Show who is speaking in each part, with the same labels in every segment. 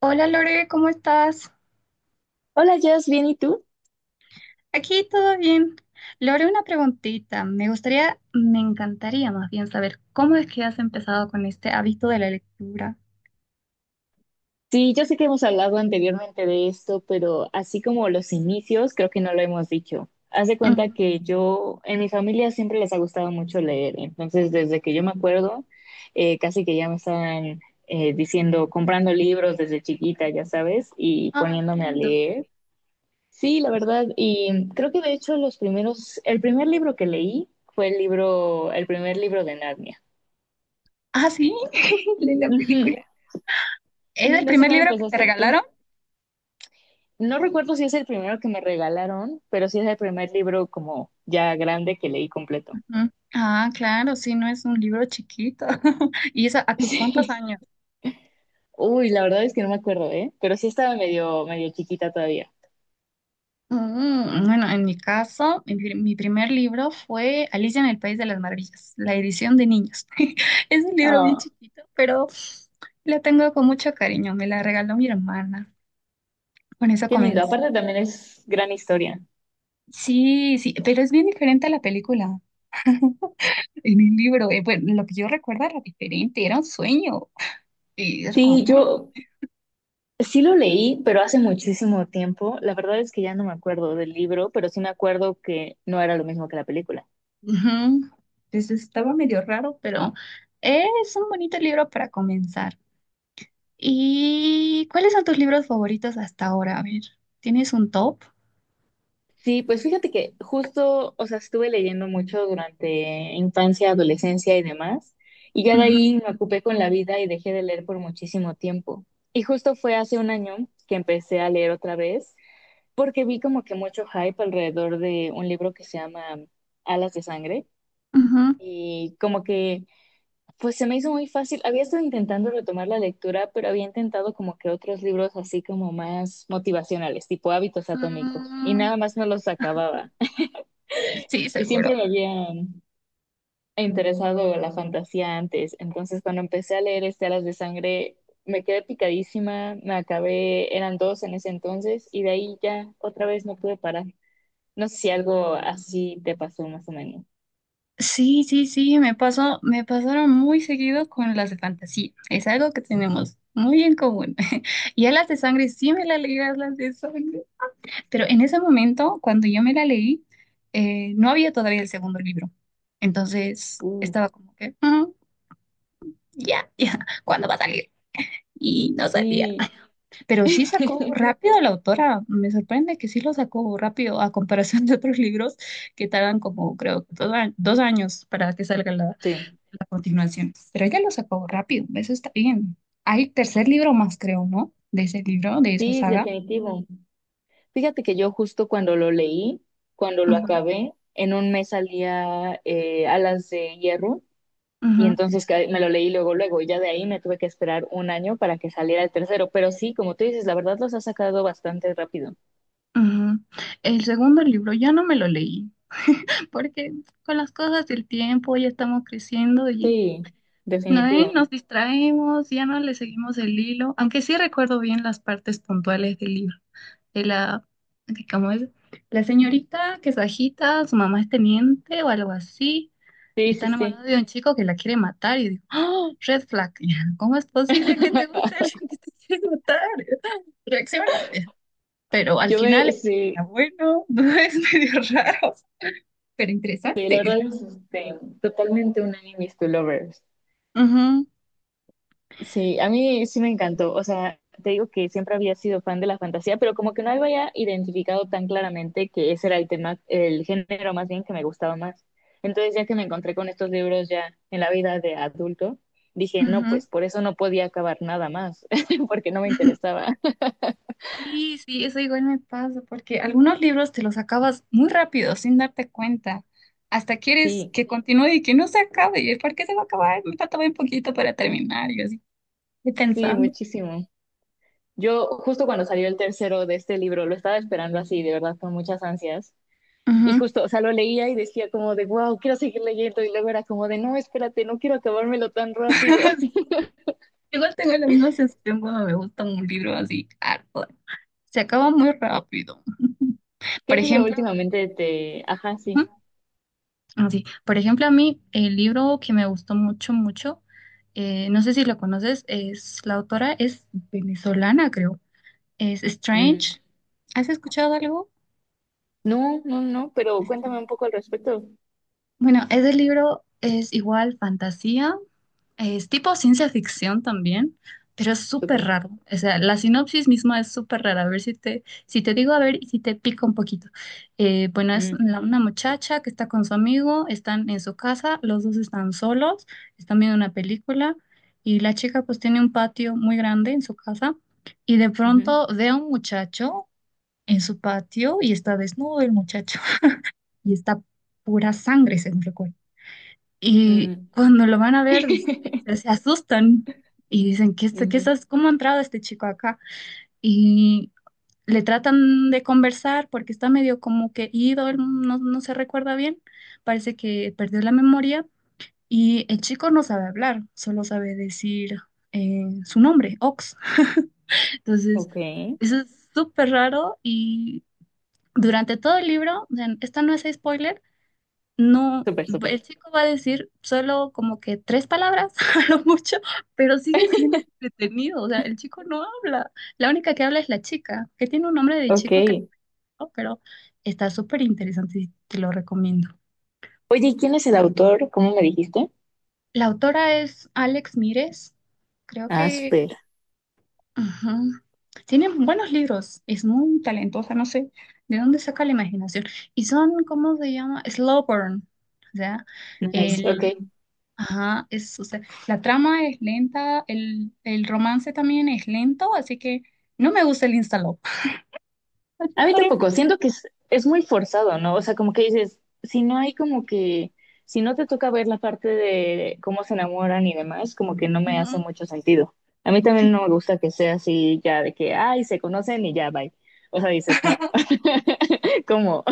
Speaker 1: Hola Lore, ¿cómo estás?
Speaker 2: Hola, Jess, ¿bien y tú?
Speaker 1: Aquí todo bien. Lore, una preguntita. Me encantaría más bien saber cómo es que has empezado con este hábito de la lectura.
Speaker 2: Sí, yo sé que hemos hablado anteriormente de esto, pero así como los inicios, creo que no lo hemos dicho. Haz de cuenta
Speaker 1: Ujú.
Speaker 2: que yo, en mi familia siempre les ha gustado mucho leer, entonces desde que yo me acuerdo, casi que ya me estaban diciendo, comprando libros desde chiquita, ya sabes, y
Speaker 1: Ay, qué
Speaker 2: poniéndome a
Speaker 1: lindo.
Speaker 2: leer. Sí, la verdad, y creo que de hecho los primeros, el primer libro que leí fue el libro, el primer libro de Narnia.
Speaker 1: Ah, sí, linda
Speaker 2: Ujú.
Speaker 1: película. ¿Es
Speaker 2: Sí,
Speaker 1: el
Speaker 2: no sé
Speaker 1: primer
Speaker 2: cómo
Speaker 1: libro que te
Speaker 2: empezaste tú.
Speaker 1: regalaron?
Speaker 2: No recuerdo si es el primero que me regalaron, pero sí es el primer libro como ya grande que leí completo.
Speaker 1: Ujú. Ah, claro, sí, no es un libro chiquito. ¿Y eso a tus cuántos
Speaker 2: Sí.
Speaker 1: años?
Speaker 2: Uy, la verdad es que no me acuerdo, ¿eh? Pero sí estaba medio, medio chiquita todavía.
Speaker 1: Bueno, en mi caso, mi primer libro fue Alicia en el País de las Maravillas, la edición de niños. Es un libro bien
Speaker 2: Ah,
Speaker 1: chiquito, pero la tengo con mucho cariño. Me la regaló mi hermana. Con eso
Speaker 2: qué lindo.
Speaker 1: comencé.
Speaker 2: Aparte también es gran historia.
Speaker 1: Sí, sí, pero es bien diferente a la película. En el libro, bueno, lo que yo recuerdo era diferente, era un sueño. Y era como,
Speaker 2: Sí,
Speaker 1: mm,
Speaker 2: yo sí lo leí, pero hace muchísimo tiempo. La verdad es que ya no me acuerdo del libro, pero sí me acuerdo que no era lo mismo que la película.
Speaker 1: ujú. Entonces estaba medio raro, pero es un bonito libro para comenzar. ¿Y cuáles son tus libros favoritos hasta ahora? A ver, ¿tienes un top?
Speaker 2: Sí, pues fíjate que justo, o sea, estuve leyendo mucho durante infancia, adolescencia y demás, y ya de
Speaker 1: Ujú,
Speaker 2: ahí me ocupé con la vida y dejé de leer por muchísimo tiempo. Y justo fue hace un año que empecé a leer otra vez, porque vi como que mucho hype alrededor de un libro que se llama Alas de Sangre,
Speaker 1: ujú.
Speaker 2: y como que, pues se me hizo muy fácil. Había estado intentando retomar la lectura, pero había intentado como que otros libros así como más motivacionales, tipo Hábitos Atómicos, y
Speaker 1: Mm,
Speaker 2: nada más no los acababa.
Speaker 1: sí,
Speaker 2: Y siempre
Speaker 1: seguro.
Speaker 2: me había interesado la fantasía antes. Entonces, cuando empecé a leer este Alas de Sangre, me quedé picadísima. Me acabé, eran dos en ese entonces, y de ahí ya otra vez no pude parar. No sé si algo así te pasó más o menos.
Speaker 1: Sí, sí, sí, me pasaron muy seguido con las de fantasía. Es algo que tenemos muy en común. Y a las de sangre sí me la leí, a las de sangre. Pero en ese momento, cuando yo me la leí, no había todavía el segundo libro. Entonces
Speaker 2: Uh,
Speaker 1: estaba como que, "Mm, ya, ya, ¿cuándo va a salir?" Y no salía.
Speaker 2: sí,
Speaker 1: Pero sí sacó rápido la autora, me sorprende que sí lo sacó rápido a comparación de otros libros que tardan como creo dos, 2 años para que salga la,
Speaker 2: sí,
Speaker 1: la continuación. Pero ella lo sacó rápido, eso está bien. Hay tercer libro más, creo, ¿no? De ese libro, de esa
Speaker 2: sí,
Speaker 1: saga.
Speaker 2: definitivo. Fíjate que yo justo cuando lo leí, cuando lo
Speaker 1: Ujú,
Speaker 2: acabé, en un mes salía Alas de Hierro. Y
Speaker 1: ujú,
Speaker 2: entonces que me lo leí luego, luego, y ya de ahí me tuve que esperar un año para que saliera el tercero. Pero sí, como tú dices, la verdad los ha sacado bastante rápido.
Speaker 1: ujú. El segundo libro ya no me lo leí, porque con las cosas del tiempo ya estamos creciendo y
Speaker 2: Sí,
Speaker 1: no, ¿eh?
Speaker 2: definitivo.
Speaker 1: Nos distraemos, ya no le seguimos el hilo, aunque sí recuerdo bien las partes puntuales del libro. De la, ¿cómo es? La señorita que es bajita, su mamá es teniente o algo así,
Speaker 2: Sí,
Speaker 1: y
Speaker 2: sí,
Speaker 1: está enamorada
Speaker 2: sí.
Speaker 1: de un chico que la quiere matar, y digo, ¡Oh, red flag! ¿Cómo es posible que te guste alguien que te quiere matar? Reacciona. Pero al final el chico
Speaker 2: Sí,
Speaker 1: era bueno, no es medio raro, pero
Speaker 2: sí, la
Speaker 1: interesante.
Speaker 2: verdad es este, totalmente un unánime to lovers.
Speaker 1: Ujú,
Speaker 2: Sí, a mí sí me encantó. O sea, te digo que siempre había sido fan de la fantasía, pero como que no había identificado tan claramente que ese era el tema, el género más bien que me gustaba más. Entonces, ya que me encontré con estos libros ya en la vida de adulto, dije, no,
Speaker 1: ujú.
Speaker 2: pues por eso no podía acabar nada más, porque no me interesaba.
Speaker 1: Sí, sí, eso igual me pasa, porque algunos libros te los acabas muy rápido, sin darte cuenta. Hasta quieres
Speaker 2: Sí,
Speaker 1: que continúe y que no se acabe. ¿Y el por qué se va a acabar? Me falta bien poquito para terminar. Y yo así, estoy
Speaker 2: sí,
Speaker 1: pensando.
Speaker 2: muchísimo. Yo justo cuando salió el tercero de este libro, lo estaba esperando así, de verdad, con muchas ansias. Y
Speaker 1: Ujú.
Speaker 2: justo, o sea, lo leía y decía como de, wow, quiero seguir leyendo. Y luego era como de, no, espérate, no quiero acabármelo tan rápido.
Speaker 1: Sí, igual tengo la misma sensación cuando me gusta un libro así, harto. Se acaba muy rápido. Por
Speaker 2: ¿Qué libro
Speaker 1: ejemplo,
Speaker 2: últimamente te... Ajá, sí.
Speaker 1: ujú, así, por ejemplo, a mí el libro que me gustó mucho, mucho, no sé si lo conoces, es la autora es venezolana, creo. Es
Speaker 2: Mm,
Speaker 1: Strange. ¿Has escuchado algo?
Speaker 2: no, no, no, pero cuéntame
Speaker 1: Extraño.
Speaker 2: un poco al respecto.
Speaker 1: Bueno, ese libro es igual fantasía, es tipo ciencia ficción también, pero es súper
Speaker 2: Súper.
Speaker 1: raro. O sea, la sinopsis misma es súper rara. A ver si te, digo, a ver, y si te pico un poquito. Bueno, es
Speaker 2: Mm.
Speaker 1: una muchacha que está con su amigo, están en su casa, los dos están solos, están viendo una película y la chica pues tiene un patio muy grande en su casa y de
Speaker 2: Ujú.
Speaker 1: pronto ve a un muchacho en su patio y está desnudo el muchacho y está pura sangre, según recuerdo. Y
Speaker 2: Mm.
Speaker 1: cuando lo van a ver, se se asustan y dicen, ¿qué, es- qué
Speaker 2: Ujú.
Speaker 1: es- cómo ha entrado este chico acá? Y le tratan de conversar porque está medio como que ido, él no, no se recuerda bien, parece que perdió la memoria y el chico no sabe hablar, solo sabe decir su nombre, Ox. Entonces,
Speaker 2: Ok,
Speaker 1: eso es súper raro y durante todo el libro, o sea, esto no es spoiler, no,
Speaker 2: súper, súper.
Speaker 1: el chico va a decir solo como que tres palabras a lo mucho, pero sigue siendo entretenido, o sea, el chico no habla, la única que habla es la chica, que tiene un nombre de
Speaker 2: Ok.
Speaker 1: chico que no
Speaker 2: Oye,
Speaker 1: recuerdo, pero está súper interesante y te lo recomiendo.
Speaker 2: ¿y quién es el autor? ¿Cómo me dijiste?
Speaker 1: La autora es Alex Mires, creo
Speaker 2: Ah,
Speaker 1: que
Speaker 2: Asper.
Speaker 1: ujú. Tiene buenos libros, es muy talentosa, no sé de dónde saca la imaginación. Y son, ¿cómo se llama? Slow burn. O sea,
Speaker 2: Nice,
Speaker 1: el,
Speaker 2: ok.
Speaker 1: ajá, o sea, la trama es lenta, el, romance también es lento, así que no me gusta el instalop. Así
Speaker 2: A mí
Speaker 1: por em-.
Speaker 2: tampoco, siento que es muy forzado, ¿no? O sea, como que dices, si no hay como que, si no te toca ver la parte de cómo se enamoran y demás, como que no me hace
Speaker 1: Ujú,
Speaker 2: mucho sentido. A mí también no me
Speaker 1: sí.
Speaker 2: gusta que sea así ya de que, ay, se conocen y ya, bye. O sea, dices, no, ¿cómo?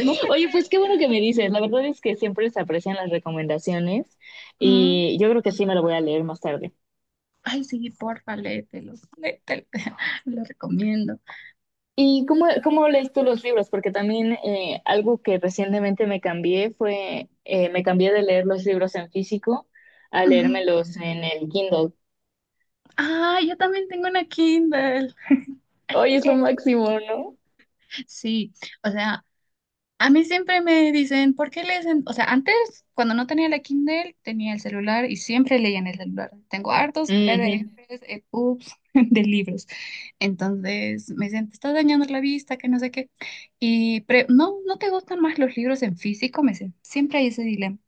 Speaker 1: No te
Speaker 2: Oye, pues
Speaker 1: creo.
Speaker 2: qué bueno que me dices. La verdad es que siempre se aprecian las recomendaciones
Speaker 1: Ujú.
Speaker 2: y yo creo que sí me lo voy a leer más tarde.
Speaker 1: Ay, sí, porfa, léetelo, léetelo, lo recomiendo.
Speaker 2: ¿Y cómo lees tú los libros? Porque también algo que recientemente me cambié fue, me cambié de leer los libros en físico a
Speaker 1: Ujú.
Speaker 2: leérmelos en el Kindle.
Speaker 1: Ah, yo también tengo una Kindle.
Speaker 2: Hoy es lo
Speaker 1: Eh,
Speaker 2: máximo, ¿no?
Speaker 1: Sí, o sea, a mí siempre me dicen, "¿por qué lees en-?" O sea, antes, cuando no tenía la Kindle, tenía el celular y siempre leía en el celular. Tengo hartos
Speaker 2: Ujú,
Speaker 1: PDFs, EPUBs de libros. Entonces me dicen, te estás dañando la vista, que no sé qué. Y no, no te gustan más los libros en físico, me dicen. Siempre hay ese dilema.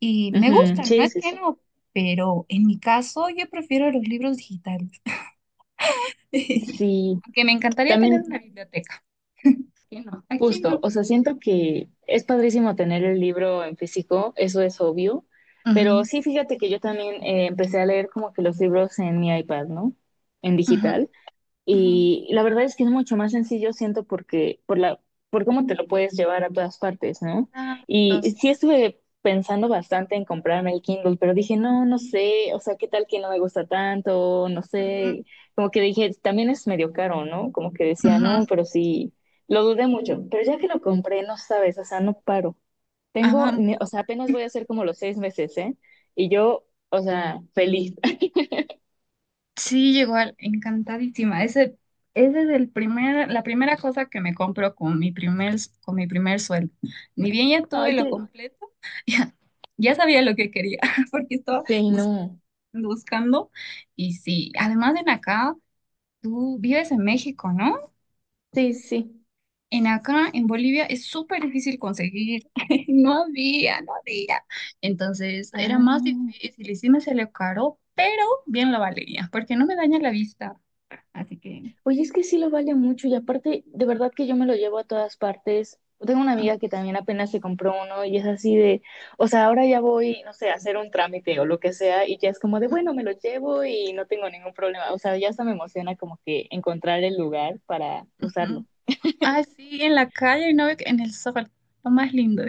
Speaker 1: Y me
Speaker 2: ujú.
Speaker 1: gustan, no
Speaker 2: Sí,
Speaker 1: es
Speaker 2: sí,
Speaker 1: que
Speaker 2: sí.
Speaker 1: no, pero en mi caso yo prefiero los libros digitales.
Speaker 2: Sí,
Speaker 1: Aunque me encantaría tener una
Speaker 2: también
Speaker 1: biblioteca. ¿Quién no? ¿A quién
Speaker 2: justo,
Speaker 1: no?
Speaker 2: o sea, siento que es padrísimo tener el libro en físico, eso es obvio,
Speaker 1: Ujú,
Speaker 2: pero sí, fíjate que yo también empecé a leer como que los libros en mi iPad, ¿no? En
Speaker 1: ujú,
Speaker 2: digital.
Speaker 1: ujú.
Speaker 2: Y la verdad es que es mucho más sencillo, siento, porque por cómo te lo puedes llevar a todas partes, ¿no?
Speaker 1: Ah, dos.
Speaker 2: Y sí estuve pensando bastante en comprarme el Kindle, pero dije, no, no sé, o sea, ¿qué tal que no me gusta tanto? No
Speaker 1: Ujú,
Speaker 2: sé, como que dije, también es medio caro, ¿no? Como que decía, no,
Speaker 1: ujú.
Speaker 2: pero sí, lo dudé mucho, pero ya que lo compré, no sabes, o sea, no paro. Tengo,
Speaker 1: Ama-
Speaker 2: o sea, apenas voy a hacer como los 6 meses, ¿eh? Y yo, o sea, feliz.
Speaker 1: sí, igual encantadísima. Ese es la primera cosa que me compro con mi primer sueldo. Ni bien ya tuve
Speaker 2: Ay,
Speaker 1: lo
Speaker 2: que.
Speaker 1: completo, ya, ya sabía lo que quería, porque estaba
Speaker 2: Sí,
Speaker 1: buscando,
Speaker 2: no.
Speaker 1: buscando. Y sí, además en acá, tú vives en México, ¿no?
Speaker 2: Sí, sí.
Speaker 1: En acá, en Bolivia, es súper difícil conseguir. No había, no había. Entonces, era más
Speaker 2: Ah,
Speaker 1: difícil y sí me salió caro, pero bien lo valía, porque no me daña la vista. Así que...
Speaker 2: oye, es que sí lo vale mucho y aparte, de verdad que yo me lo llevo a todas partes. Tengo una amiga que también apenas se compró uno y es así de, o sea, ahora ya voy, no sé, a hacer un trámite o lo que sea y ya es como de, bueno, me lo llevo y no tengo ningún problema. O sea, ya hasta me emociona como que encontrar el lugar para usarlo.
Speaker 1: Ah, sí, en la calle, no, en el sol, lo más lindo,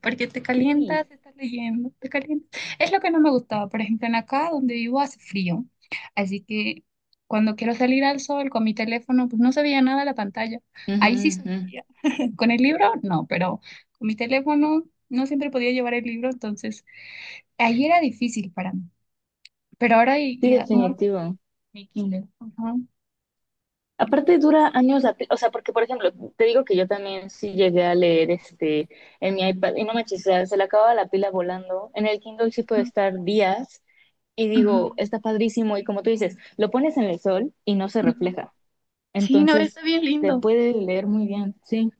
Speaker 1: porque te calientas,
Speaker 2: Sí.
Speaker 1: estás leyendo, te calientas. Es lo que no me gustaba, por ejemplo, en acá donde vivo hace frío, así que cuando quiero salir al sol con mi teléfono, pues no se veía nada la pantalla,
Speaker 2: Ujú,
Speaker 1: ahí sí
Speaker 2: ujú.
Speaker 1: sufría. Con el libro, no, pero con mi teléfono no siempre podía llevar el libro, entonces ahí era difícil para mí, pero ahora
Speaker 2: Sí,
Speaker 1: ya, mucho
Speaker 2: definitivo.
Speaker 1: mi Kindle. Ujú,
Speaker 2: Aparte dura años, o sea, porque por ejemplo, te digo que yo también sí llegué a leer este en mi iPad y no me chisea, se le acaba la pila volando. En el Kindle sí puede
Speaker 1: ujú,
Speaker 2: estar días y digo,
Speaker 1: ujú,
Speaker 2: está padrísimo y como tú dices, lo pones en el sol y no se
Speaker 1: ujú.
Speaker 2: refleja.
Speaker 1: Sí, no, está
Speaker 2: Entonces,
Speaker 1: bien
Speaker 2: te
Speaker 1: lindo.
Speaker 2: puede leer muy bien, sí.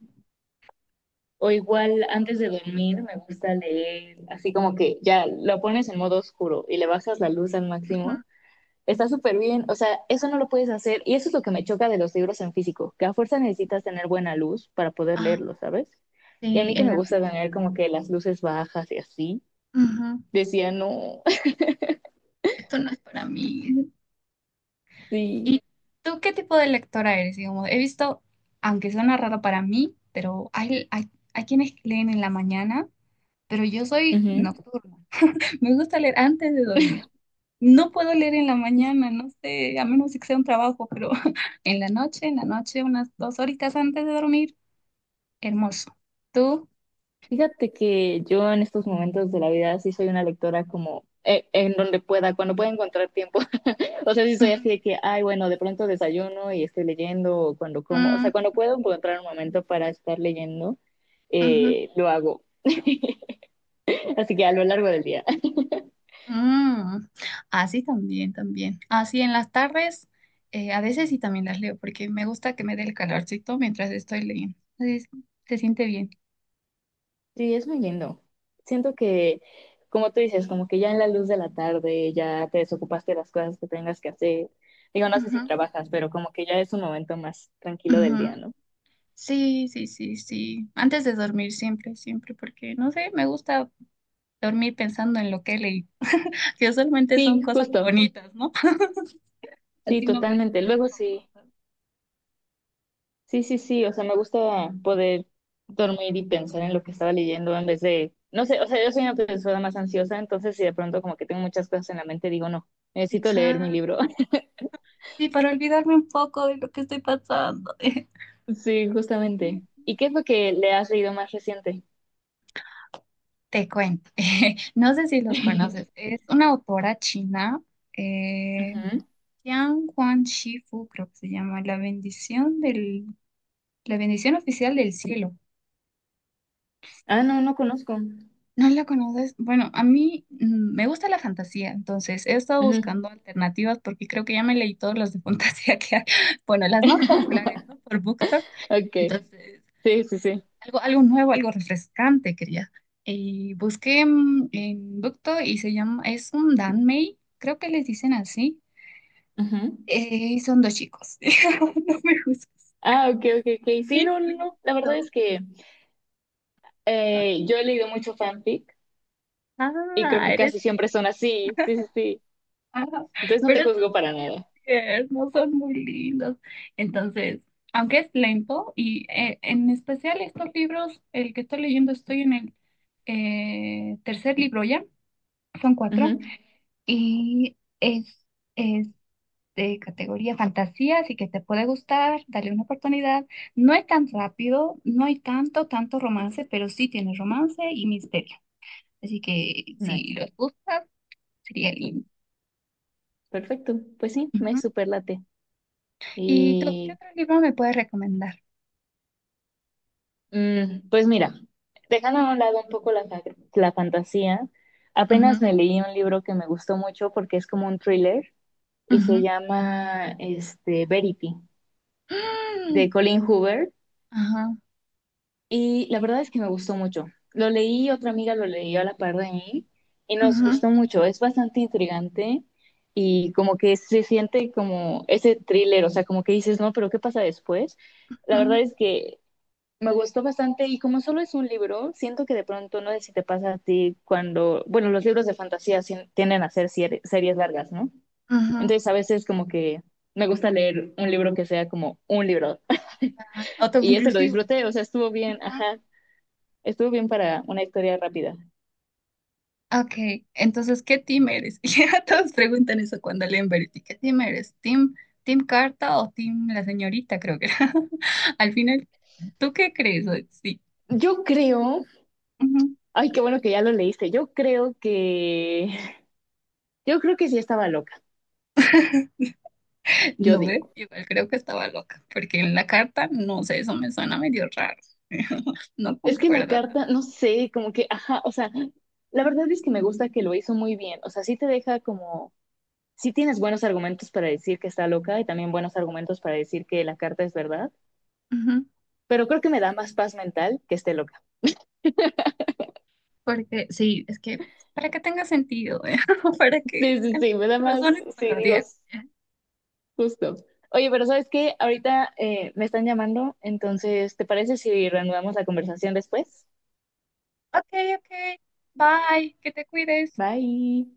Speaker 2: O igual antes de dormir me gusta leer, así como que ya lo pones en modo oscuro y le bajas la luz al máximo, está súper bien, o sea, eso no lo puedes hacer y eso es lo que me choca de los libros en físico, que a fuerza necesitas tener buena luz para poder
Speaker 1: Ujú.
Speaker 2: leerlo, ¿sabes? Y a
Speaker 1: Sí,
Speaker 2: mí que
Speaker 1: en
Speaker 2: me
Speaker 1: la-.
Speaker 2: gusta tener como que las luces bajas y así,
Speaker 1: Ujú.
Speaker 2: decía, no,
Speaker 1: Esto no es para mí.
Speaker 2: sí.
Speaker 1: ¿Y tú qué tipo de lectora eres? Digamos, he visto, aunque suena raro para mí, pero hay quienes leen en la mañana, pero yo soy
Speaker 2: Ujú.
Speaker 1: nocturna. Me gusta leer antes de dormir. No puedo leer en la
Speaker 2: Fí-
Speaker 1: mañana, no sé, a menos que sea un trabajo, pero en la noche, unas dos horitas antes de dormir, hermoso. ¿Tú?
Speaker 2: Fíjate que yo en estos momentos de la vida sí soy una lectora como en donde pueda, cuando pueda encontrar tiempo. O sea, sí soy
Speaker 1: Ujú.
Speaker 2: así de que, ay, bueno, de pronto desayuno y estoy leyendo o cuando como, o
Speaker 1: Mm,
Speaker 2: sea, cuando puedo encontrar un momento para estar leyendo,
Speaker 1: ujú.
Speaker 2: lo hago. Así que a lo largo del día.
Speaker 1: Mm, Así también, también. Así en las tardes, a veces sí también las leo, porque me gusta que me dé el calorcito mientras estoy leyendo. Así se siente bien.
Speaker 2: Sí, es muy lindo. Siento que, como tú dices, como que ya en la luz de la tarde ya te desocupaste de las cosas que tengas que hacer. Digo, no sé si
Speaker 1: Ujú,
Speaker 2: trabajas, pero como que ya es un momento más tranquilo del día,
Speaker 1: ujú.
Speaker 2: ¿no?
Speaker 1: Sí, sí, sí, sí. Antes de dormir, siempre, siempre, porque no sé, me gusta dormir pensando en lo que leí, que usualmente son
Speaker 2: Sí,
Speaker 1: cosas
Speaker 2: justo.
Speaker 1: bonitas, ¿no?
Speaker 2: Sí,
Speaker 1: Así no me
Speaker 2: totalmente.
Speaker 1: estreso
Speaker 2: Luego
Speaker 1: con
Speaker 2: sí,
Speaker 1: cosas.
Speaker 2: sí, sí, sí. O sea, me gusta poder dormir y pensar en lo que estaba leyendo en vez de, no sé, o sea, yo soy una persona más ansiosa, entonces si de pronto como que tengo muchas cosas en la mente, digo, no, necesito leer mi
Speaker 1: Exacto.
Speaker 2: libro.
Speaker 1: Sí, para olvidarme un poco de lo que estoy pasando.
Speaker 2: Sí, justamente. ¿Y qué es lo que le has leído más reciente?
Speaker 1: Te cuento, no sé si los conoces, es una autora china, eh,
Speaker 2: Ujú.
Speaker 1: Jiang Huan Shifu, creo que se llama, la bendición oficial del cielo.
Speaker 2: Ah, no, no conozco.
Speaker 1: ¿No la conoces? Bueno, a mí me gusta la fantasía, entonces he estado
Speaker 2: Ujú.
Speaker 1: buscando alternativas porque creo que ya me leí todas las de fantasía que hay, bueno, las más populares, ¿no? Por BookTok.
Speaker 2: Okay,
Speaker 1: Entonces,
Speaker 2: sí, sí, sí.
Speaker 1: algo nuevo, algo refrescante quería. Y busqué en Bukto y se llama, es un Danmei, creo que les dicen así.
Speaker 2: Ujú.
Speaker 1: Son dos chicos. No me juzgues.
Speaker 2: Ah, ok, ok, ok. Sí,
Speaker 1: Qué
Speaker 2: no, no, no. La verdad
Speaker 1: lindo.
Speaker 2: es que yo he leído mucho fanfic y creo
Speaker 1: Ah,
Speaker 2: que
Speaker 1: eres.
Speaker 2: casi siempre son así. Sí, sí, sí.
Speaker 1: Ah,
Speaker 2: Entonces no te
Speaker 1: pero estos
Speaker 2: juzgo
Speaker 1: dos
Speaker 2: para nada.
Speaker 1: no son muy lindos. Entonces, aunque es lento, y en especial estos libros, el que estoy leyendo, estoy en el tercer libro ya, son cuatro,
Speaker 2: Ujú.
Speaker 1: y es. Es de categoría fantasía, así que te puede gustar, dale una oportunidad. No es tan rápido, no hay tanto, tanto romance, pero sí tiene romance y misterio. Así que
Speaker 2: Nice.
Speaker 1: si los gustas, sería lindo.
Speaker 2: Perfecto. Pues sí, me
Speaker 1: Ujú.
Speaker 2: superlate.
Speaker 1: ¿Y tú qué
Speaker 2: Y.
Speaker 1: otro libro me puedes recomendar?
Speaker 2: Mm, pues mira, dejando a un lado un poco la fantasía, apenas
Speaker 1: Ujú,
Speaker 2: me leí un libro que me gustó mucho porque es como un thriller y se
Speaker 1: ujú.
Speaker 2: llama este, Verity,
Speaker 1: Mm,
Speaker 2: de Colin Hoover.
Speaker 1: ajá,
Speaker 2: Y la verdad es que me gustó mucho. Lo leí, otra amiga lo leyó a la par de mí y nos
Speaker 1: ujú,
Speaker 2: gustó mucho. Es bastante intrigante y como que se siente como ese thriller, o sea, como que dices, no, pero ¿qué pasa después? La verdad
Speaker 1: mm,
Speaker 2: es que me gustó bastante y como solo es un libro, siento que de pronto no sé si te pasa a ti cuando, bueno, los libros de fantasía tienden a ser series largas, ¿no?
Speaker 1: ujú.
Speaker 2: Entonces a veces como que me gusta leer un libro que sea como un libro y ese lo
Speaker 1: Autoconclusivo.
Speaker 2: disfruté, o sea, estuvo bien, ajá, estuvo bien para una historia rápida.
Speaker 1: Ok, entonces, ¿qué team eres? Y ya todos preguntan eso cuando leen Verity. ¿Qué team eres? ¿Team Carta o team la señorita? Creo que era. Al final, ¿tú qué crees? Sí.
Speaker 2: Yo creo,
Speaker 1: Ujú.
Speaker 2: ay, qué bueno que ya lo leíste, yo creo que, yo creo que sí estaba loca, yo
Speaker 1: No ve,
Speaker 2: digo.
Speaker 1: igual creo que estaba loca, porque en la carta, no sé, eso me suena medio raro. No
Speaker 2: Es que la
Speaker 1: concuerda tanto.
Speaker 2: carta, no sé, como que, ajá, o sea, la verdad es que me gusta que lo hizo muy bien, o sea, sí te deja como sí tienes buenos argumentos para decir que está loca y también buenos argumentos para decir que la carta es verdad,
Speaker 1: Ujú.
Speaker 2: pero creo que me da más paz mental que esté loca.
Speaker 1: Porque sí, es que para que tenga sentido, ¿eh? Para que
Speaker 2: Sí, sí,
Speaker 1: tengas
Speaker 2: sí, me da más,
Speaker 1: razones
Speaker 2: sí,
Speaker 1: para
Speaker 2: digo,
Speaker 1: odiar.
Speaker 2: justo. Oye, pero ¿sabes qué? Ahorita me están llamando, entonces, ¿te parece si reanudamos la conversación después?
Speaker 1: Ok, ok, bye, que te cuides.
Speaker 2: Bye.